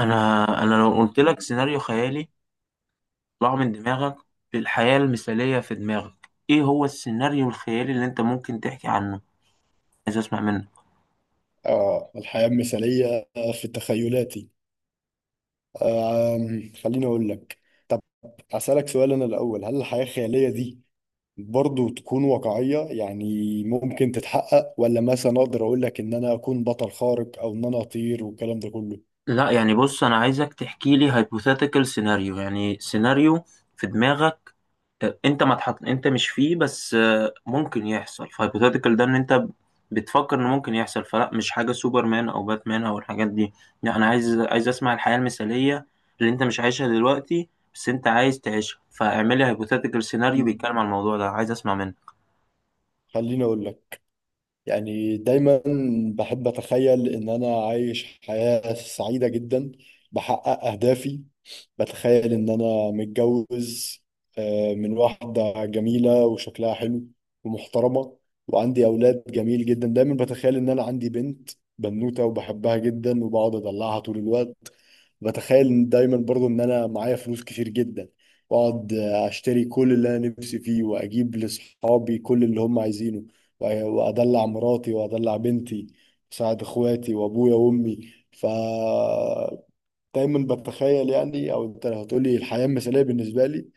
انا انا لو قلت لك سيناريو خيالي، طلع من دماغك. في الحياة المثالية في دماغك، ايه هو السيناريو الخيالي اللي انت ممكن تحكي عنه؟ عايز اسمع منك. اه، الحياة المثالية في تخيلاتي. خليني أقول لك. طب أسألك سؤال أنا الأول، هل الحياة الخيالية دي برضو تكون واقعية؟ يعني ممكن تتحقق، ولا مثلا أقدر أقول لك إن أنا أكون بطل خارق أو إن أنا أطير والكلام ده كله؟ لا، يعني بص، انا عايزك تحكي لي هايبوثيتيكال سيناريو، يعني سيناريو في دماغك انت ما تحط، انت مش فيه، بس ممكن يحصل. فهيبوثيتيكال ده ان انت بتفكر ان ممكن يحصل، فلا مش حاجه سوبرمان او باتمان او الحاجات دي. لا، انا عايز اسمع الحياه المثاليه اللي انت مش عايشها دلوقتي، بس انت عايز تعيشها. فاعملي هايبوثيتيكال سيناريو مم. بيتكلم عن الموضوع ده، عايز اسمع منك. خليني أقول لك، يعني دايما بحب أتخيل إن أنا عايش حياة سعيدة جدا، بحقق أهدافي. بتخيل إن أنا متجوز من واحدة جميلة وشكلها حلو ومحترمة، وعندي أولاد جميل جدا. دايما بتخيل إن أنا عندي بنت، بنوتة، وبحبها جدا وبقعد أدلعها طول الوقت. بتخيل إن دايما برضو ان انا معايا فلوس كتير جدا، واقعد اشتري كل اللي انا نفسي فيه واجيب لاصحابي كل اللي هم عايزينه، وادلع مراتي وادلع بنتي واساعد اخواتي وابويا وامي. ف دايما بتخيل، يعني او انت لو هتقولي الحياة المثالية بالنسبة لي،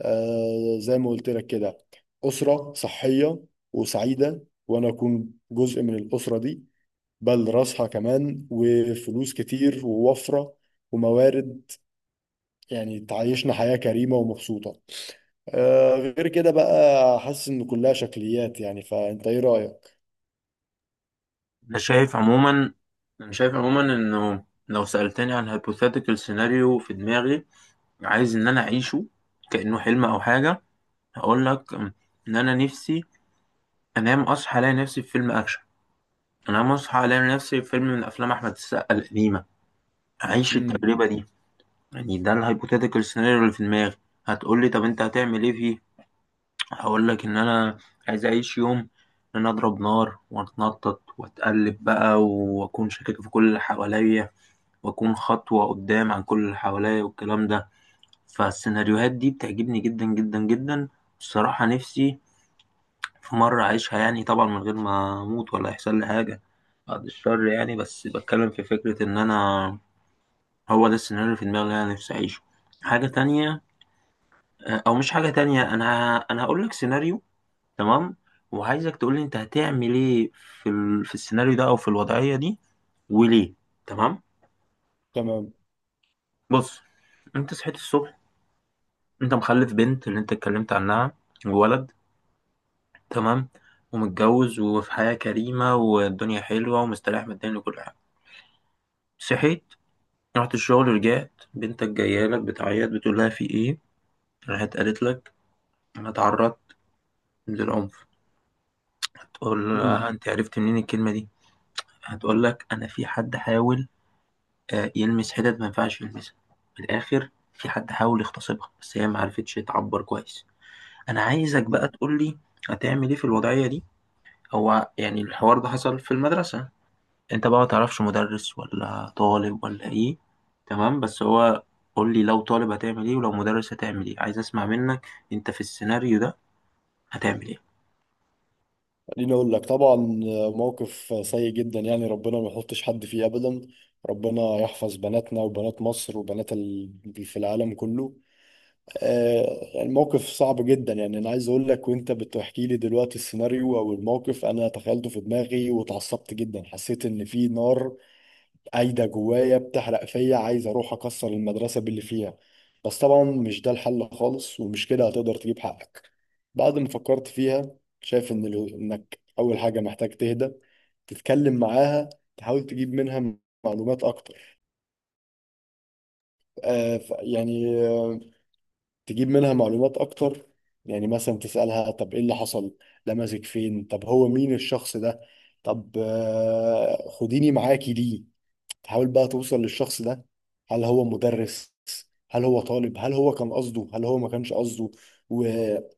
آه زي ما قلت لك كده، أسرة صحية وسعيدة وانا اكون جزء من الأسرة دي، بل راسها كمان، وفلوس كتير ووفرة وموارد، يعني تعيشنا حياة كريمة ومبسوطة. آه غير كده بقى حاسس ان كلها شكليات. يعني فانت ايه رأيك؟ انا شايف عموما انا شايف عموما انه لو سالتني عن هايبوثيتيكال سيناريو في دماغي عايز ان انا اعيشه كانه حلم او حاجه، هقول لك ان انا نفسي انام اصحى الاقي نفسي في فيلم اكشن. انا مصحى الاقي نفسي في فيلم من افلام احمد السقا القديمه، اعيش امم. التجربه دي. يعني ده الهايبوثيتيكال سيناريو اللي في دماغي. هتقول لي طب انت هتعمل ايه فيه؟ هقول لك ان انا عايز اعيش يوم ان انا اضرب نار واتنطط واتقلب بقى، واكون شاكك في كل اللي حواليا، واكون خطوه قدام عن كل اللي حواليا والكلام ده. فالسيناريوهات دي بتعجبني جدا جدا جدا. الصراحه نفسي في مرة أعيشها، يعني طبعا من غير ما أموت ولا يحصل لي حاجة، بعد الشر، يعني بس بتكلم في فكرة إن أنا هو ده السيناريو اللي في دماغي اللي أنا نفسي أعيشه. حاجة تانية، أو مش حاجة تانية، أنا هقول لك سيناريو. تمام؟ وعايزك تقول لي أنت هتعمل إيه في في السيناريو ده أو في الوضعية دي، وليه. تمام. تمام. بص، أنت صحيت الصبح، أنت مخلف بنت اللي أنت اتكلمت عنها وولد. تمام؟ ومتجوز وفي حياة كريمة والدنيا حلوة ومستريح ماديا وكل حاجة. صحيت، رحت الشغل ورجعت، بنتك جايه لك بتعيط، بتقول لها في ايه؟ راحت قالت لك انا اتعرضت للعنف. هتقول امم. لها انت عرفت منين الكلمه دي؟ هتقول لك انا في حد حاول، يلمس حتت ما ينفعش يلمسها، من الاخر في حد حاول يغتصبها، بس هي ما عرفتش تعبر كويس. انا عايزك بقى امم. تقول لي هتعمل ايه في الوضعيه دي. هو يعني الحوار ده حصل في المدرسه، انت بقى ما تعرفش مدرس ولا طالب ولا ايه. تمام، بس هو قول لي لو طالب هتعمل ايه ولو مدرس هتعمل ايه. عايز اسمع منك، انت في السيناريو ده هتعمل ايه؟ خليني اقول لك، طبعا موقف سيء جدا، يعني ربنا ما يحطش حد فيه ابدا، ربنا يحفظ بناتنا وبنات مصر وبنات في العالم كله. آه الموقف صعب جدا، يعني انا عايز اقول لك، وانت بتحكي لي دلوقتي السيناريو او الموقف، انا تخيلته في دماغي واتعصبت جدا، حسيت ان في نار قايدة جوايا بتحرق فيا، عايز أروح أكسر المدرسة باللي فيها. بس طبعا مش ده الحل خالص، ومش كده هتقدر تجيب حقك. بعد ما فكرت فيها شايف إن إنك أول حاجة محتاج تهدى، تتكلم معاها، تحاول تجيب منها معلومات أكتر. آه ف- يعني آه، تجيب منها معلومات أكتر، يعني مثلا تسألها طب إيه اللي حصل، لمسك فين، طب هو مين الشخص ده، طب خديني معاكي ليه. تحاول بقى توصل للشخص ده، هل هو مدرس، هل هو طالب، هل هو كان قصده هل هو ما كانش قصده. واللي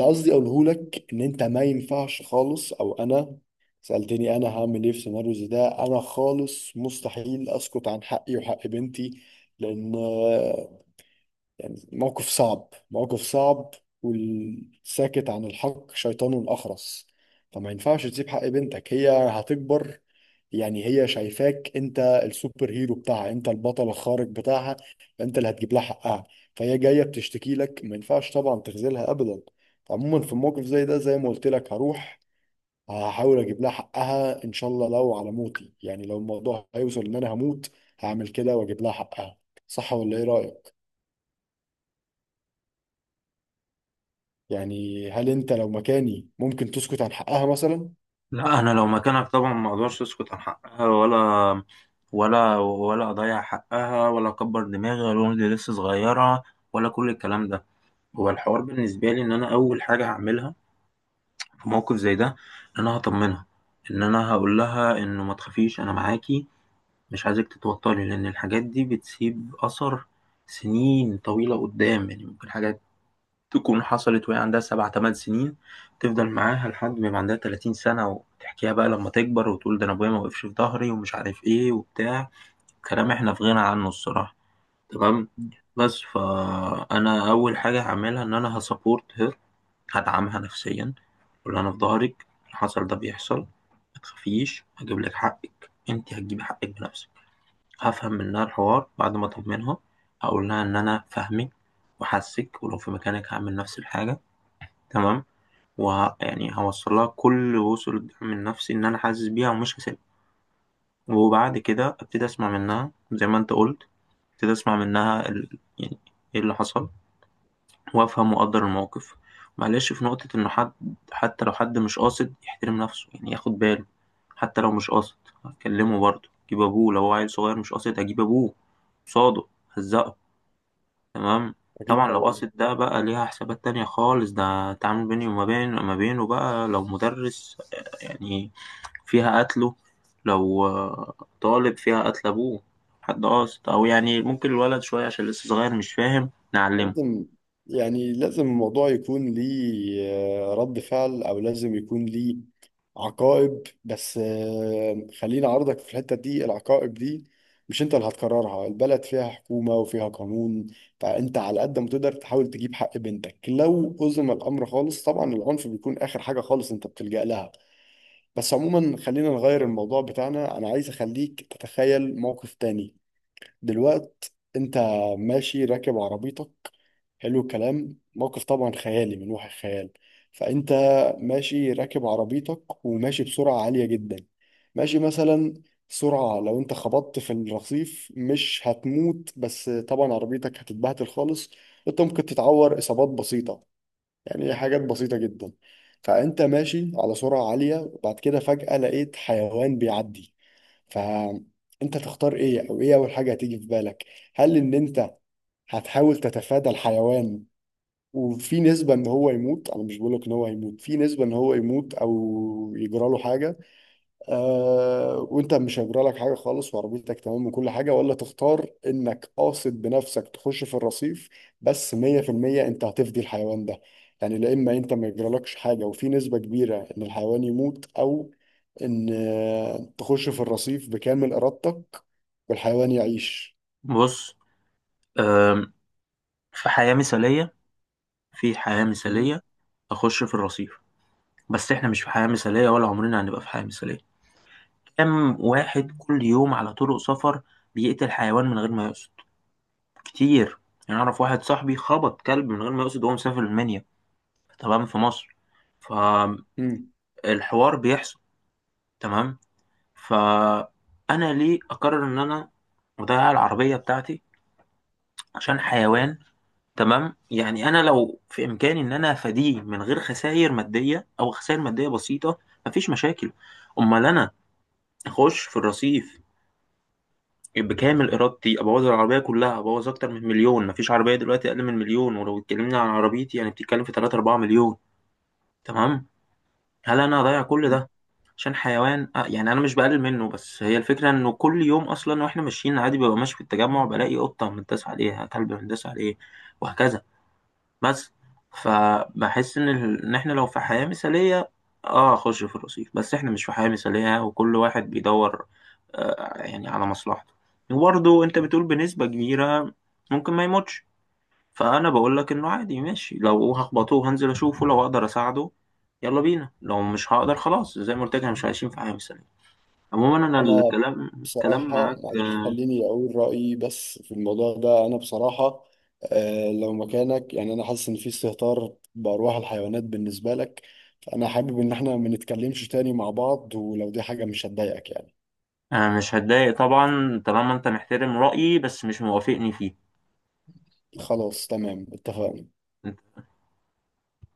قصدي اقوله لك ان انت ما ينفعش خالص، او انا سألتني انا هعمل ايه في سيناريو زي ده، انا خالص مستحيل اسكت عن حقي وحق بنتي، لان يعني موقف صعب، موقف صعب، والساكت عن الحق شيطان أخرس. فما ينفعش تسيب حق بنتك، هي هتكبر، يعني هي شايفاك انت السوبر هيرو بتاعها، انت البطل الخارق بتاعها، انت اللي هتجيب لها حقها، فهي جاية بتشتكي لك ما ينفعش طبعا تخذلها ابدا. عموما في موقف زي ده زي ما قلت لك، هروح هحاول اجيب لها حقها ان شاء الله، لو على موتي، يعني لو الموضوع هيوصل ان انا هموت هعمل كده واجيب لها حقها. صح ولا ايه رأيك؟ يعني هل انت لو مكاني ممكن تسكت عن حقها مثلا؟ لا، انا لو مكانك طبعا ما اقدرش اسكت عن حقها، ولا اضيع حقها، ولا اكبر دماغي، ولا اقول دي لسه صغيره، ولا كل الكلام ده. هو الحوار بالنسبه لي ان انا اول حاجه هعملها في موقف زي ده ان انا هطمنها، ان انا هقول لها انه ما تخافيش انا معاكي، مش عايزك تتوتري، لأن الحاجات دي بتسيب أثر سنين طويلة قدام. يعني ممكن حاجات تكون حصلت وهي عندها سبع تمن سنين، تفضل معاها لحد ما يبقى عندها تلاتين سنة، وتحكيها بقى لما تكبر وتقول ده أنا أبويا ما وقفش في ظهري ومش عارف إيه وبتاع. كلام إحنا في غنى عنه الصراحة. تمام؟ بس فأنا أول حاجة هعملها إن أنا هسبورت هير، هدعمها نفسيا، أقول لها أنا في ظهرك، اللي حصل ده بيحصل، متخافيش هجيب لك حقك، أنت هتجيبي حقك بنفسك. هفهم منها الحوار بعد ما أطمنها، هقول لها إن أنا فاهمك وحاسك، ولو في مكانك هعمل نفس الحاجة. تمام؟ يعني هوصل لها كل وصول الدعم النفسي، إن أنا حاسس بيها ومش هسيبها. وبعد كده أبتدي أسمع منها زي ما أنت قلت، أبتدي أسمع منها يعني إيه اللي حصل، وافهم واقدر الموقف. معلش في نقطة انه حد، حتى لو حد مش قاصد يحترم نفسه يعني ياخد باله. حتى لو مش قاصد هتكلمه برضه، جيب ابوه لو هو عيل صغير مش قاصد هجيب ابوه قصاده، هزقه. تمام. اكيد طبعا لو طبعا. قاصد ده بقى ليها حسابات تانية خالص، ده تعامل بيني وما بين ما بينه بقى. لو مدرس يعني فيها قتله، لو طالب فيها قتل ابوه حد قاصد. او يعني ممكن الولد شوية عشان لسه صغير مش فاهم، نعلمه. لازم يعني لازم الموضوع يكون ليه رد فعل، او لازم يكون ليه عقائب. بس خليني اعرضك في الحتة دي، العقائب دي مش انت اللي هتقررها، البلد فيها حكومة وفيها قانون، فانت على قد ما تقدر تحاول تجيب حق بنتك، لو أزم الامر خالص طبعا العنف بيكون اخر حاجة خالص انت بتلجأ لها. بس عموما خلينا نغير الموضوع بتاعنا، انا عايز اخليك تتخيل موقف تاني. دلوقت انت ماشي راكب عربيتك، حلو الكلام، موقف طبعا خيالي من وحي الخيال. فانت ماشي راكب عربيتك وماشي بسرعة عالية جدا، ماشي مثلا سرعة لو انت خبطت في الرصيف مش هتموت، بس طبعا عربيتك هتتبهدل خالص، انت ممكن تتعور اصابات بسيطة، يعني هي حاجات بسيطة جدا. فأنت ماشي على سرعة عالية، وبعد كده فجأة لقيت حيوان بيعدي، فأنت تختار إيه، أو إيه أول حاجة هتيجي في بالك؟ هل إن أنت هتحاول تتفادى الحيوان وفي نسبة إن هو يموت، أنا مش بقولك إن هو هيموت، في نسبة إن هو يموت أو يجرى له حاجة وانت مش هيجرى لك حاجه خالص وعربيتك تمام وكل حاجه، ولا تختار انك قاصد بنفسك تخش في الرصيف، بس 100% انت هتفدي الحيوان ده؟ يعني لا اما انت ما يجرالكش حاجه وفي نسبه كبيره ان الحيوان يموت، او ان تخش في الرصيف بكامل ارادتك والحيوان يعيش. بص، في حياة مثالية، في حياة مثالية أخش في الرصيف. بس إحنا مش في حياة مثالية ولا عمرنا هنبقى في حياة مثالية. كم واحد كل يوم على طرق سفر بيقتل حيوان من غير ما يقصد؟ كتير. يعني أعرف واحد صاحبي خبط كلب من غير ما يقصد وهو مسافر المنيا. تمام، في مصر، فالحوار مم. بيحصل. تمام. فأنا ليه أقرر إن أنا أضيع العربية بتاعتي عشان حيوان؟ تمام، يعني انا لو في امكاني ان انا افاديه من غير خسائر ماديه او خسائر ماديه بسيطه، مفيش مشاكل. امال انا اخش في الرصيف بكامل ارادتي، ابوظ العربيه كلها، ابوظ اكتر من مليون. مفيش عربيه دلوقتي اقل من مليون، ولو اتكلمنا عن عربيتي يعني بتتكلم في 3 4 مليون. تمام؟ هل انا هضيع كل ده عشان حيوان؟ آه يعني انا مش بقلل منه، بس هي الفكره انه كل يوم اصلا. واحنا ماشيين عادي ببقى ماشي في التجمع، بلاقي قطه مندسه عليها، كلب مندس عليه، وهكذا. بس فبحس ان ان احنا لو في حياة مثالية اه اخش في الرصيف، بس احنا مش في حياة مثالية وكل واحد بيدور آه يعني على مصلحته. وبرضه انت بتقول بنسبة كبيرة ممكن ما يموتش، فانا بقول لك انه عادي، ماشي لو هخبطوه هنزل اشوفه، لو اقدر اساعده يلا بينا، لو مش هقدر خلاص زي ما قلت لك احنا مش عايشين في حياة مثالية. عموما انا أنا الكلام كلام بصراحة معاك. معلش خليني أقول رأيي بس في الموضوع ده. أنا بصراحة آه لو مكانك، يعني أنا حاسس إن في استهتار بأرواح الحيوانات بالنسبة لك، فأنا حابب إن إحنا ما نتكلمش تاني مع بعض، ولو دي حاجة مش هتضايقك يعني. مش هتضايق طبعا طالما انت محترم رأيي بس مش موافقني فيه. خلاص تمام اتفقنا.